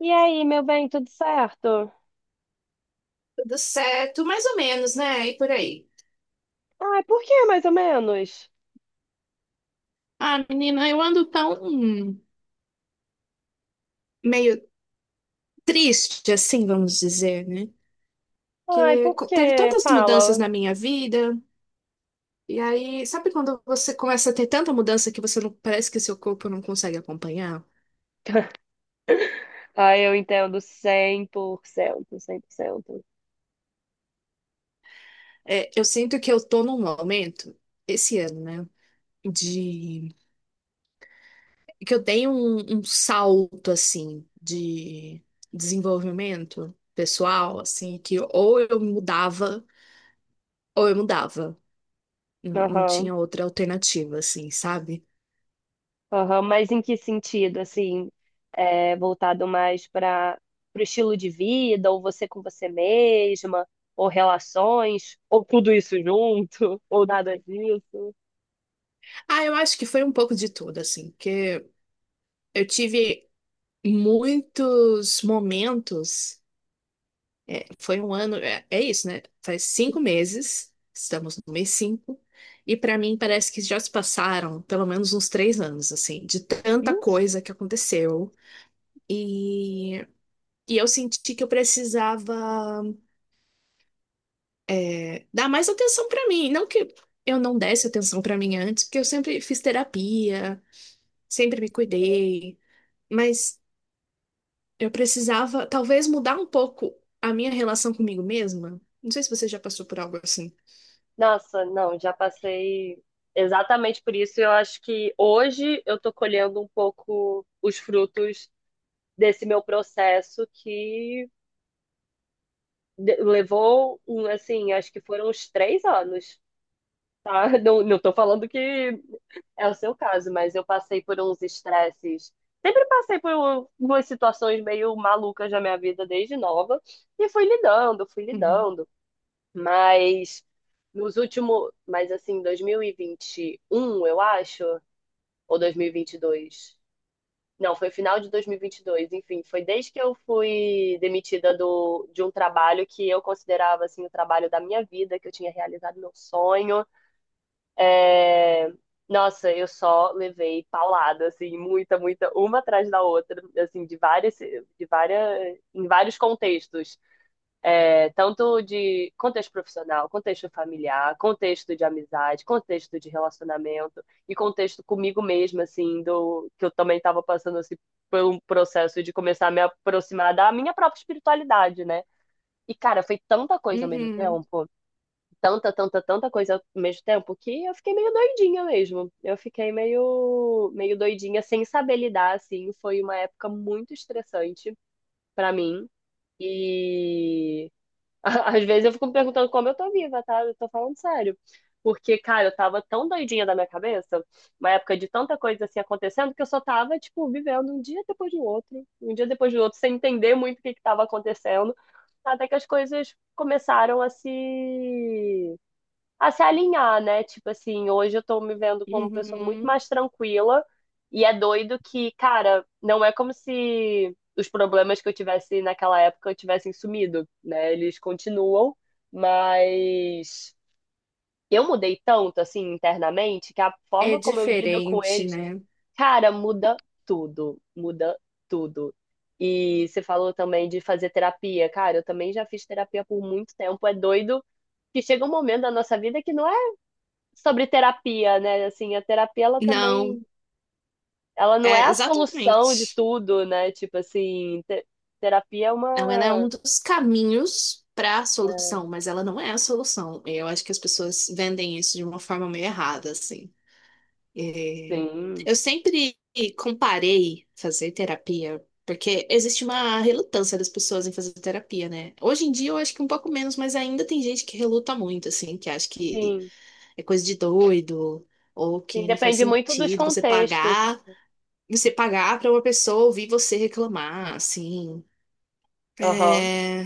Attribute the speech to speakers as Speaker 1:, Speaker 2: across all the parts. Speaker 1: E aí, meu bem, tudo certo?
Speaker 2: Tudo certo, mais ou menos, né? E por aí.
Speaker 1: Ai, por que mais ou menos?
Speaker 2: Ah, menina, eu ando tão meio triste, assim, vamos dizer, né?
Speaker 1: Ai, por
Speaker 2: Teve
Speaker 1: que?
Speaker 2: tantas mudanças
Speaker 1: Fala.
Speaker 2: na minha vida. E aí, sabe quando você começa a ter tanta mudança que você não parece que seu corpo não consegue acompanhar?
Speaker 1: Ai, eu entendo cem por cento, cem por cento.
Speaker 2: Eu sinto que eu tô num momento, esse ano, né? De que eu dei um salto, assim, de desenvolvimento pessoal, assim, que ou eu mudava, ou eu mudava. Não
Speaker 1: Aham,
Speaker 2: tinha outra alternativa, assim, sabe?
Speaker 1: aham. Mas em que sentido, assim? É, voltado mais para o estilo de vida, ou você com você mesma, ou relações, ou tudo isso junto, ou nada disso?
Speaker 2: Ah, eu acho que foi um pouco de tudo, assim, porque eu tive muitos momentos. Foi um ano, é isso, né? Faz cinco meses, estamos no mês cinco, e pra mim parece que já se passaram pelo menos uns três anos, assim, de tanta coisa que aconteceu. E, e eu senti que eu precisava dar mais atenção pra mim. Não que eu não desse atenção pra mim antes, porque eu sempre fiz terapia, sempre me cuidei, mas eu precisava talvez mudar um pouco a minha relação comigo mesma. Não sei se você já passou por algo assim.
Speaker 1: Nossa, não, já passei exatamente por isso. Eu acho que hoje eu tô colhendo um pouco os frutos desse meu processo que levou, um, assim, acho que foram uns três anos, tá? Não, tô falando que é o seu caso, mas eu passei por uns estresses. Sempre passei por umas situações meio malucas na minha vida desde nova e fui lidando, fui
Speaker 2: Uhum.
Speaker 1: lidando. Mas nos últimos, mas assim, 2021 eu acho, ou dois mil e vinte e dois. Não, foi final de dois mil e vinte e dois, enfim, foi desde que eu fui demitida de um trabalho que eu considerava assim o trabalho da minha vida, que eu tinha realizado meu sonho. É, nossa, eu só levei paulada, assim, muita, muita, uma atrás da outra, assim, de várias, em vários contextos, tanto de contexto profissional, contexto familiar, contexto de amizade, contexto de relacionamento e contexto comigo mesma, assim, do que eu também estava passando assim, por um processo de começar a me aproximar da minha própria espiritualidade, né? E, cara, foi tanta coisa ao mesmo
Speaker 2: Uhum.
Speaker 1: tempo, tanta, tanta, tanta coisa ao mesmo tempo, que eu fiquei meio doidinha mesmo. Eu fiquei meio doidinha, sem saber lidar, assim. Foi uma época muito estressante para mim. E às vezes eu fico me perguntando como eu tô viva, tá? Eu tô falando sério. Porque, cara, eu tava tão doidinha da minha cabeça, uma época de tanta coisa assim acontecendo, que eu só tava, tipo, vivendo um dia depois do outro, um dia depois do outro, sem entender muito o que que tava acontecendo, até que as coisas começaram a se alinhar, né? Tipo assim, hoje eu tô me vendo como pessoa muito
Speaker 2: Uhum.
Speaker 1: mais tranquila e é doido que, cara, não é como se os problemas que eu tivesse naquela época tivessem sumido, né? Eles continuam, mas eu mudei tanto assim internamente que a
Speaker 2: É
Speaker 1: forma como eu lido com
Speaker 2: diferente,
Speaker 1: eles,
Speaker 2: né?
Speaker 1: cara, muda tudo, muda tudo. E você falou também de fazer terapia. Cara, eu também já fiz terapia por muito tempo. É doido que chega um momento da nossa vida que não sobre terapia, né? Assim, a terapia ela
Speaker 2: Não,
Speaker 1: também, ela não é
Speaker 2: é
Speaker 1: a solução de
Speaker 2: exatamente.
Speaker 1: tudo, né? Tipo assim, terapia é
Speaker 2: Não, ela é
Speaker 1: uma,
Speaker 2: um dos caminhos para a solução, mas ela não é a solução. Eu acho que as pessoas vendem isso de uma forma meio errada, assim. É,
Speaker 1: sim,
Speaker 2: Eu sempre comparei fazer terapia, porque existe uma relutância das pessoas em fazer terapia, né? Hoje em dia eu acho que um pouco menos, mas ainda tem gente que reluta muito, assim, que acha que
Speaker 1: sim,
Speaker 2: é coisa de doido, ou
Speaker 1: sim,
Speaker 2: que não faz
Speaker 1: depende muito dos
Speaker 2: sentido
Speaker 1: contextos.
Speaker 2: você pagar pra uma pessoa ouvir você reclamar, assim.
Speaker 1: Aham.
Speaker 2: É,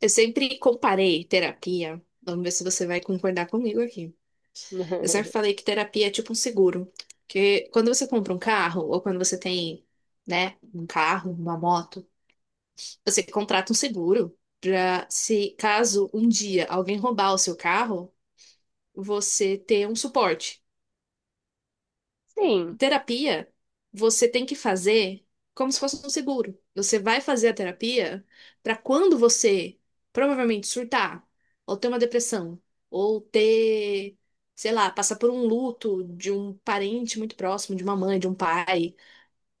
Speaker 2: Eu sempre comparei terapia. Vamos ver se você vai concordar comigo aqui. Eu sempre falei que terapia é tipo um seguro. Porque quando você compra um carro, ou quando você tem, né, um carro, uma moto, você contrata um seguro pra, se caso um dia alguém roubar o seu carro, você ter um suporte.
Speaker 1: Sim.
Speaker 2: Terapia, você tem que fazer como se fosse um seguro. Você vai fazer a terapia para quando você provavelmente surtar, ou ter uma depressão, ou ter, sei lá, passar por um luto de um parente muito próximo, de uma mãe, de um pai,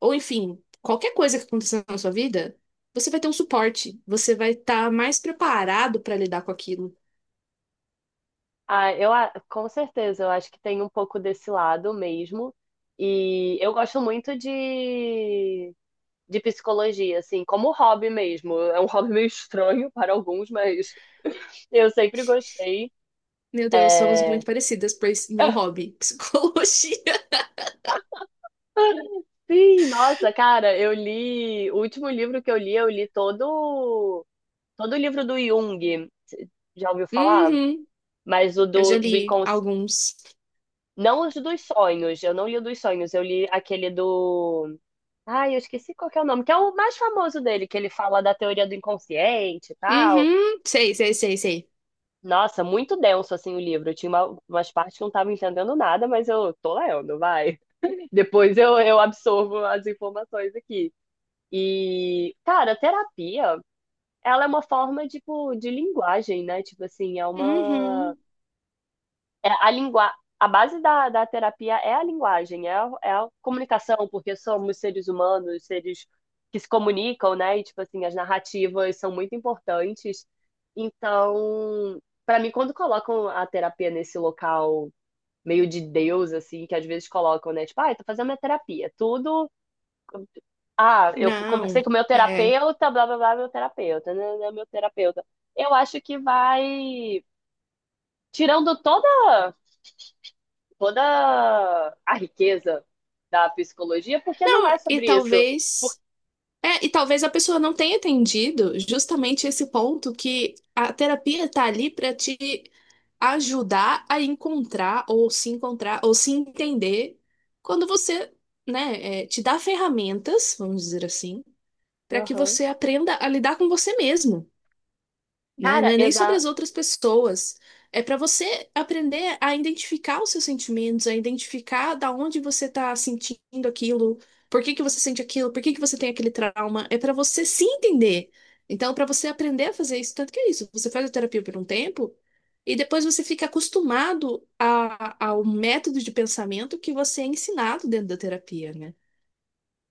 Speaker 2: ou enfim, qualquer coisa que aconteça na sua vida, você vai ter um suporte, você vai estar mais preparado para lidar com aquilo.
Speaker 1: Ah, com certeza, eu acho que tem um pouco desse lado mesmo. E eu gosto muito de psicologia, assim, como hobby mesmo. É um hobby meio estranho para alguns, mas eu sempre gostei.
Speaker 2: Meu Deus, somos
Speaker 1: É...
Speaker 2: muito parecidas, pois meu hobby, psicologia.
Speaker 1: Sim, nossa, cara, eu li. O último livro que eu li todo, todo o livro do Jung. Cê já ouviu falar?
Speaker 2: Uhum,
Speaker 1: Mas
Speaker 2: eu já
Speaker 1: do
Speaker 2: li
Speaker 1: incons...
Speaker 2: alguns.
Speaker 1: não, os dos sonhos. Eu não li o dos sonhos. Eu li aquele do. Ai, eu esqueci qual que é o nome, que é o mais famoso dele, que ele fala da teoria do inconsciente e tal.
Speaker 2: Uhum, sei, sei, sei, sei.
Speaker 1: Nossa, muito denso assim o livro. Eu tinha umas partes que eu não tava entendendo nada, mas eu tô lendo, vai. Depois eu absorvo as informações aqui. E, cara, terapia, ela é uma forma, tipo, de linguagem, né? Tipo assim, é uma...
Speaker 2: Uhum,
Speaker 1: É a lingua... A base da terapia é a linguagem, é a comunicação, porque somos seres humanos, seres que se comunicam, né? E, tipo assim, as narrativas são muito importantes. Então, pra mim, quando colocam a terapia nesse local meio de Deus, assim, que às vezes colocam, né? Tipo, ah, eu tô fazendo minha terapia. Tudo, ah, conversei
Speaker 2: não.
Speaker 1: com meu
Speaker 2: É.
Speaker 1: terapeuta, blá blá blá, meu terapeuta, meu terapeuta. Eu acho que vai tirando toda toda a riqueza da psicologia, porque não
Speaker 2: Não,
Speaker 1: é
Speaker 2: e
Speaker 1: sobre isso.
Speaker 2: talvez. É, e talvez a pessoa não tenha entendido justamente esse ponto que a terapia tá ali para te ajudar a encontrar ou se entender quando você, né, te dá ferramentas, vamos dizer assim, para que
Speaker 1: Aham.
Speaker 2: você aprenda a lidar com você mesmo. Né? Não
Speaker 1: Cara,
Speaker 2: é nem sobre as outras pessoas. É para você aprender a identificar os seus sentimentos, a identificar da onde você tá sentindo aquilo, por que que você sente aquilo, por que que você tem aquele trauma. É para você se entender. Então, para você aprender a fazer isso, tanto que é isso, você faz a terapia por um tempo e depois você fica acostumado ao método de pensamento que você é ensinado dentro da terapia, né?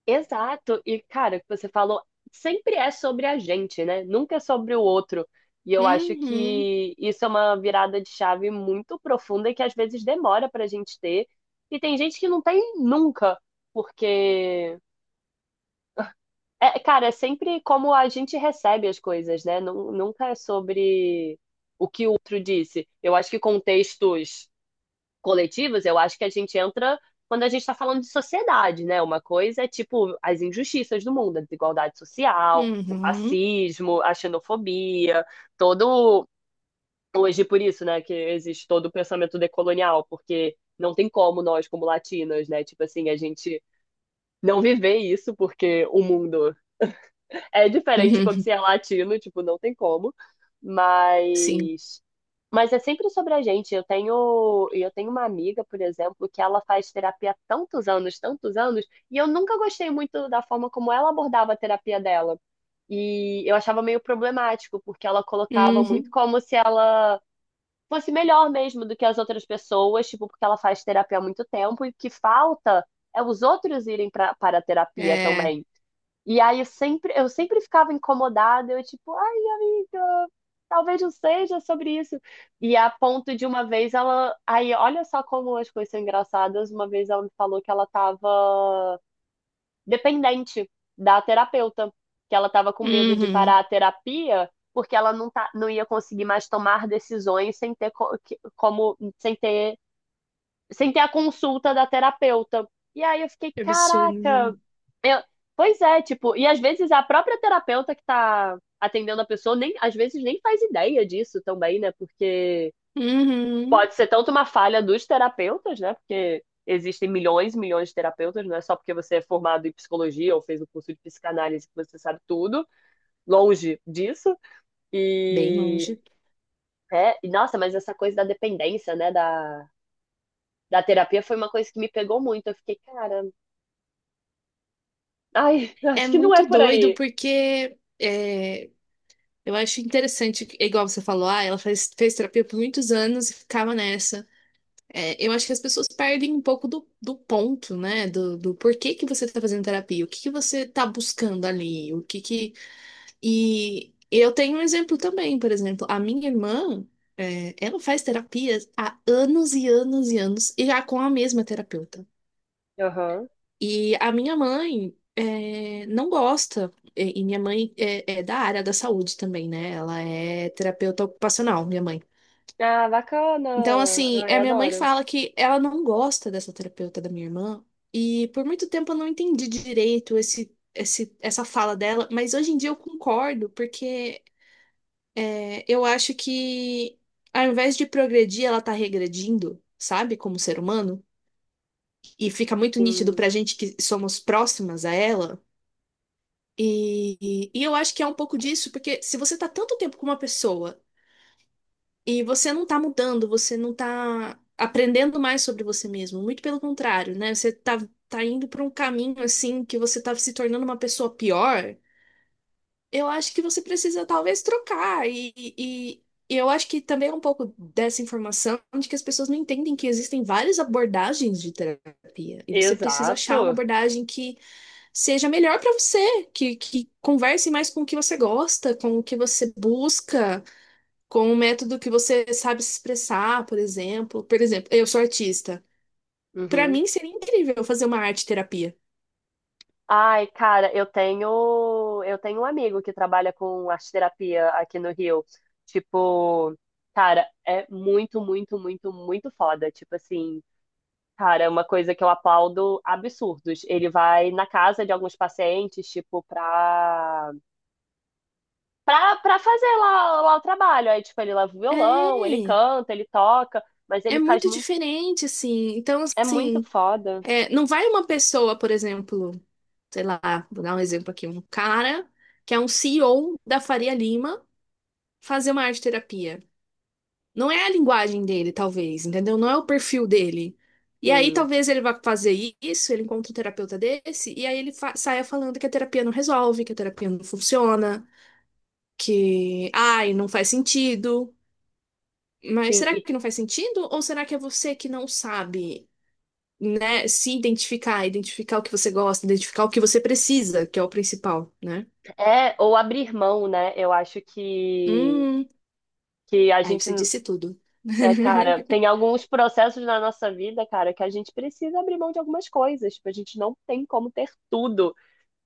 Speaker 1: exato. E, cara, o que você falou sempre é sobre a gente, né? Nunca é sobre o outro. E eu acho
Speaker 2: Uhum,
Speaker 1: que isso é uma virada de chave muito profunda e que às vezes demora pra gente ter. E tem gente que não tem nunca, porque. É, cara, é sempre como a gente recebe as coisas, né? Nunca é sobre o que o outro disse. Eu acho que contextos coletivas, eu acho que a gente entra quando a gente está falando de sociedade, né? Uma coisa é tipo as injustiças do mundo, a desigualdade social, o
Speaker 2: uhum,
Speaker 1: racismo, a xenofobia, todo hoje por isso, né, que existe todo o pensamento decolonial, porque não tem como nós como latinas, né? Tipo assim, a gente não viver isso porque o mundo é diferente quando
Speaker 2: uhum,
Speaker 1: você é latino, tipo, não tem como.
Speaker 2: sim,
Speaker 1: Mas mas é sempre sobre a gente. Eu tenho uma amiga, por exemplo, que ela faz terapia há tantos anos, e eu nunca gostei muito da forma como ela abordava a terapia dela. E eu achava meio problemático, porque ela colocava muito
Speaker 2: uhum,
Speaker 1: como se ela fosse melhor mesmo do que as outras pessoas, tipo, porque ela faz terapia há muito tempo e o que falta é os outros irem para a terapia
Speaker 2: é,
Speaker 1: também. E aí eu sempre ficava incomodada, eu tipo, ai, talvez não seja sobre isso. E a ponto de uma vez ela. Aí, olha só como as coisas são engraçadas. Uma vez ela me falou que ela estava dependente da terapeuta, que ela estava com medo de parar
Speaker 2: uhum.
Speaker 1: a terapia porque ela não, tá, não ia conseguir mais tomar decisões sem ter co- que- como sem ter sem ter a consulta da terapeuta. E aí eu fiquei,
Speaker 2: Que absurdo,
Speaker 1: caraca,
Speaker 2: né?
Speaker 1: eu- pois é, tipo, e às vezes a própria terapeuta que tá atendendo a pessoa nem, às vezes nem faz ideia disso também, né? Porque
Speaker 2: Uhum.
Speaker 1: pode ser tanto uma falha dos terapeutas, né? Porque existem milhões e milhões de terapeutas, não é só porque você é formado em psicologia ou fez o curso de psicanálise que você sabe tudo, longe disso.
Speaker 2: Bem
Speaker 1: E
Speaker 2: longe.
Speaker 1: é, e, nossa, mas essa coisa da dependência, né, da terapia foi uma coisa que me pegou muito. Eu fiquei, cara, ai,
Speaker 2: É
Speaker 1: acho que não é
Speaker 2: muito
Speaker 1: por
Speaker 2: doido
Speaker 1: aí.
Speaker 2: porque eu acho interessante, é igual você falou, ah, fez terapia por muitos anos e ficava nessa. É, eu acho que as pessoas perdem um pouco do ponto, né? Do porquê que você tá fazendo terapia, o que que você tá buscando ali, o que que. E eu tenho um exemplo também, por exemplo, a minha irmã, é, ela faz terapia há anos e anos e anos, e já com a mesma terapeuta. E a minha mãe é, não gosta, e minha mãe é, é da área da saúde também, né? Ela é terapeuta ocupacional, minha mãe.
Speaker 1: Ah, bacana.
Speaker 2: Então, assim,
Speaker 1: Ai,
Speaker 2: a minha mãe
Speaker 1: adoro.
Speaker 2: fala que ela não gosta dessa terapeuta da minha irmã, e por muito tempo eu não entendi direito essa fala dela, mas hoje em dia eu concordo, porque é, eu acho que ao invés de progredir, ela tá regredindo, sabe, como ser humano, e fica muito nítido
Speaker 1: Sim.
Speaker 2: pra gente que somos próximas a ela. E eu acho que é um pouco disso, porque se você tá tanto tempo com uma pessoa e você não tá mudando, você não tá aprendendo mais sobre você mesmo, muito pelo contrário, né? Tá indo pra um caminho assim que você tá se tornando uma pessoa pior, eu acho que você precisa talvez trocar. E eu acho que também é um pouco dessa informação de que as pessoas não entendem que existem várias abordagens de terapia e você precisa achar uma
Speaker 1: Exato.
Speaker 2: abordagem que seja melhor para você, que converse mais com o que você gosta, com o que você busca, com o método que você sabe se expressar, por exemplo. Por exemplo, eu sou artista. Para
Speaker 1: Uhum.
Speaker 2: mim seria incrível fazer uma arte terapia.
Speaker 1: Ai, cara, eu tenho um amigo que trabalha com arte terapia aqui no Rio. Tipo, cara, é muito, muito, muito, muito foda. Tipo assim, cara, é uma coisa que eu aplaudo absurdos. Ele vai na casa de alguns pacientes, tipo, pra fazer lá o trabalho. Aí, tipo, ele leva o violão, ele
Speaker 2: É,
Speaker 1: canta, ele toca, mas ele
Speaker 2: é
Speaker 1: faz
Speaker 2: muito
Speaker 1: muito,
Speaker 2: diferente, assim. Então,
Speaker 1: é muito
Speaker 2: assim,
Speaker 1: foda.
Speaker 2: é, não vai uma pessoa, por exemplo, sei lá, vou dar um exemplo aqui, um cara que é um CEO da Faria Lima, fazer uma arte terapia. Não é a linguagem dele, talvez, entendeu? Não é o perfil dele. E aí,
Speaker 1: Sim,
Speaker 2: talvez ele vá fazer isso, ele encontra um terapeuta desse, e aí ele saia falando que a terapia não resolve, que a terapia não funciona, que, ai, não faz sentido. Mas
Speaker 1: sim,
Speaker 2: será
Speaker 1: e
Speaker 2: que não faz sentido? Ou será que é você que não sabe, né, se identificar, identificar o que você gosta, identificar o que você precisa, que é o principal, né?
Speaker 1: é, ou abrir mão, né? Eu acho
Speaker 2: Hum,
Speaker 1: que a
Speaker 2: aí
Speaker 1: gente,
Speaker 2: você disse tudo.
Speaker 1: é, cara, tem alguns processos na nossa vida, cara, que a gente precisa abrir mão de algumas coisas, tipo, a gente não tem como ter tudo,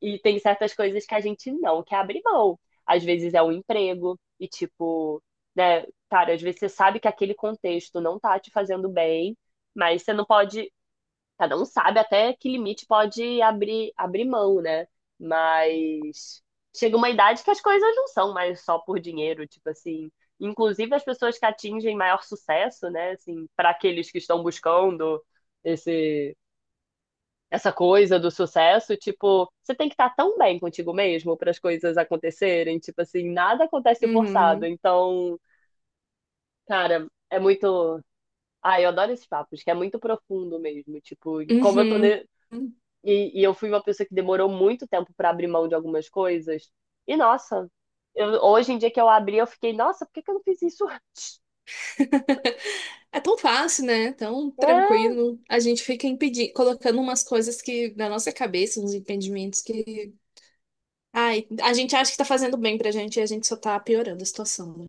Speaker 1: e tem certas coisas que a gente não quer abrir mão. Às vezes é um emprego, e tipo, né, cara, às vezes você sabe que aquele contexto não tá te fazendo bem, mas você não pode, cada um sabe até que limite pode abrir mão, né? Mas chega uma idade que as coisas não são mais só por dinheiro, tipo assim. Inclusive as pessoas que atingem maior sucesso, né? Assim, para aqueles que estão buscando esse, essa coisa do sucesso, tipo, você tem que estar tão bem contigo mesmo para as coisas acontecerem, tipo assim, nada acontece forçado.
Speaker 2: Uhum,
Speaker 1: Então, cara, é muito. Ah, eu adoro esses papos, que é muito profundo mesmo. Tipo, como eu tô
Speaker 2: uhum.
Speaker 1: ne- e, eu fui uma pessoa que demorou muito tempo para abrir mão de algumas coisas. E nossa, eu- hoje em dia que eu abri, eu fiquei, nossa, por que que eu não fiz isso antes?
Speaker 2: É tão fácil, né? Tão
Speaker 1: É,
Speaker 2: tranquilo. A gente fica impedindo, colocando umas coisas que na nossa cabeça, uns impedimentos que. Ai, a gente acha que tá fazendo bem pra gente e a gente só tá piorando a situação, né?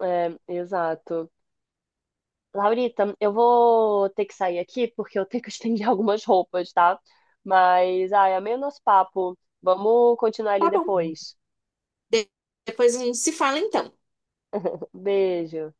Speaker 1: exato. Laurita, eu vou ter que sair aqui porque eu tenho que estender algumas roupas, tá? Mas, ai, amei o nosso papo. Vamos continuar ele
Speaker 2: Tá bom.
Speaker 1: depois.
Speaker 2: De- Depois a gente se fala então.
Speaker 1: Beijo.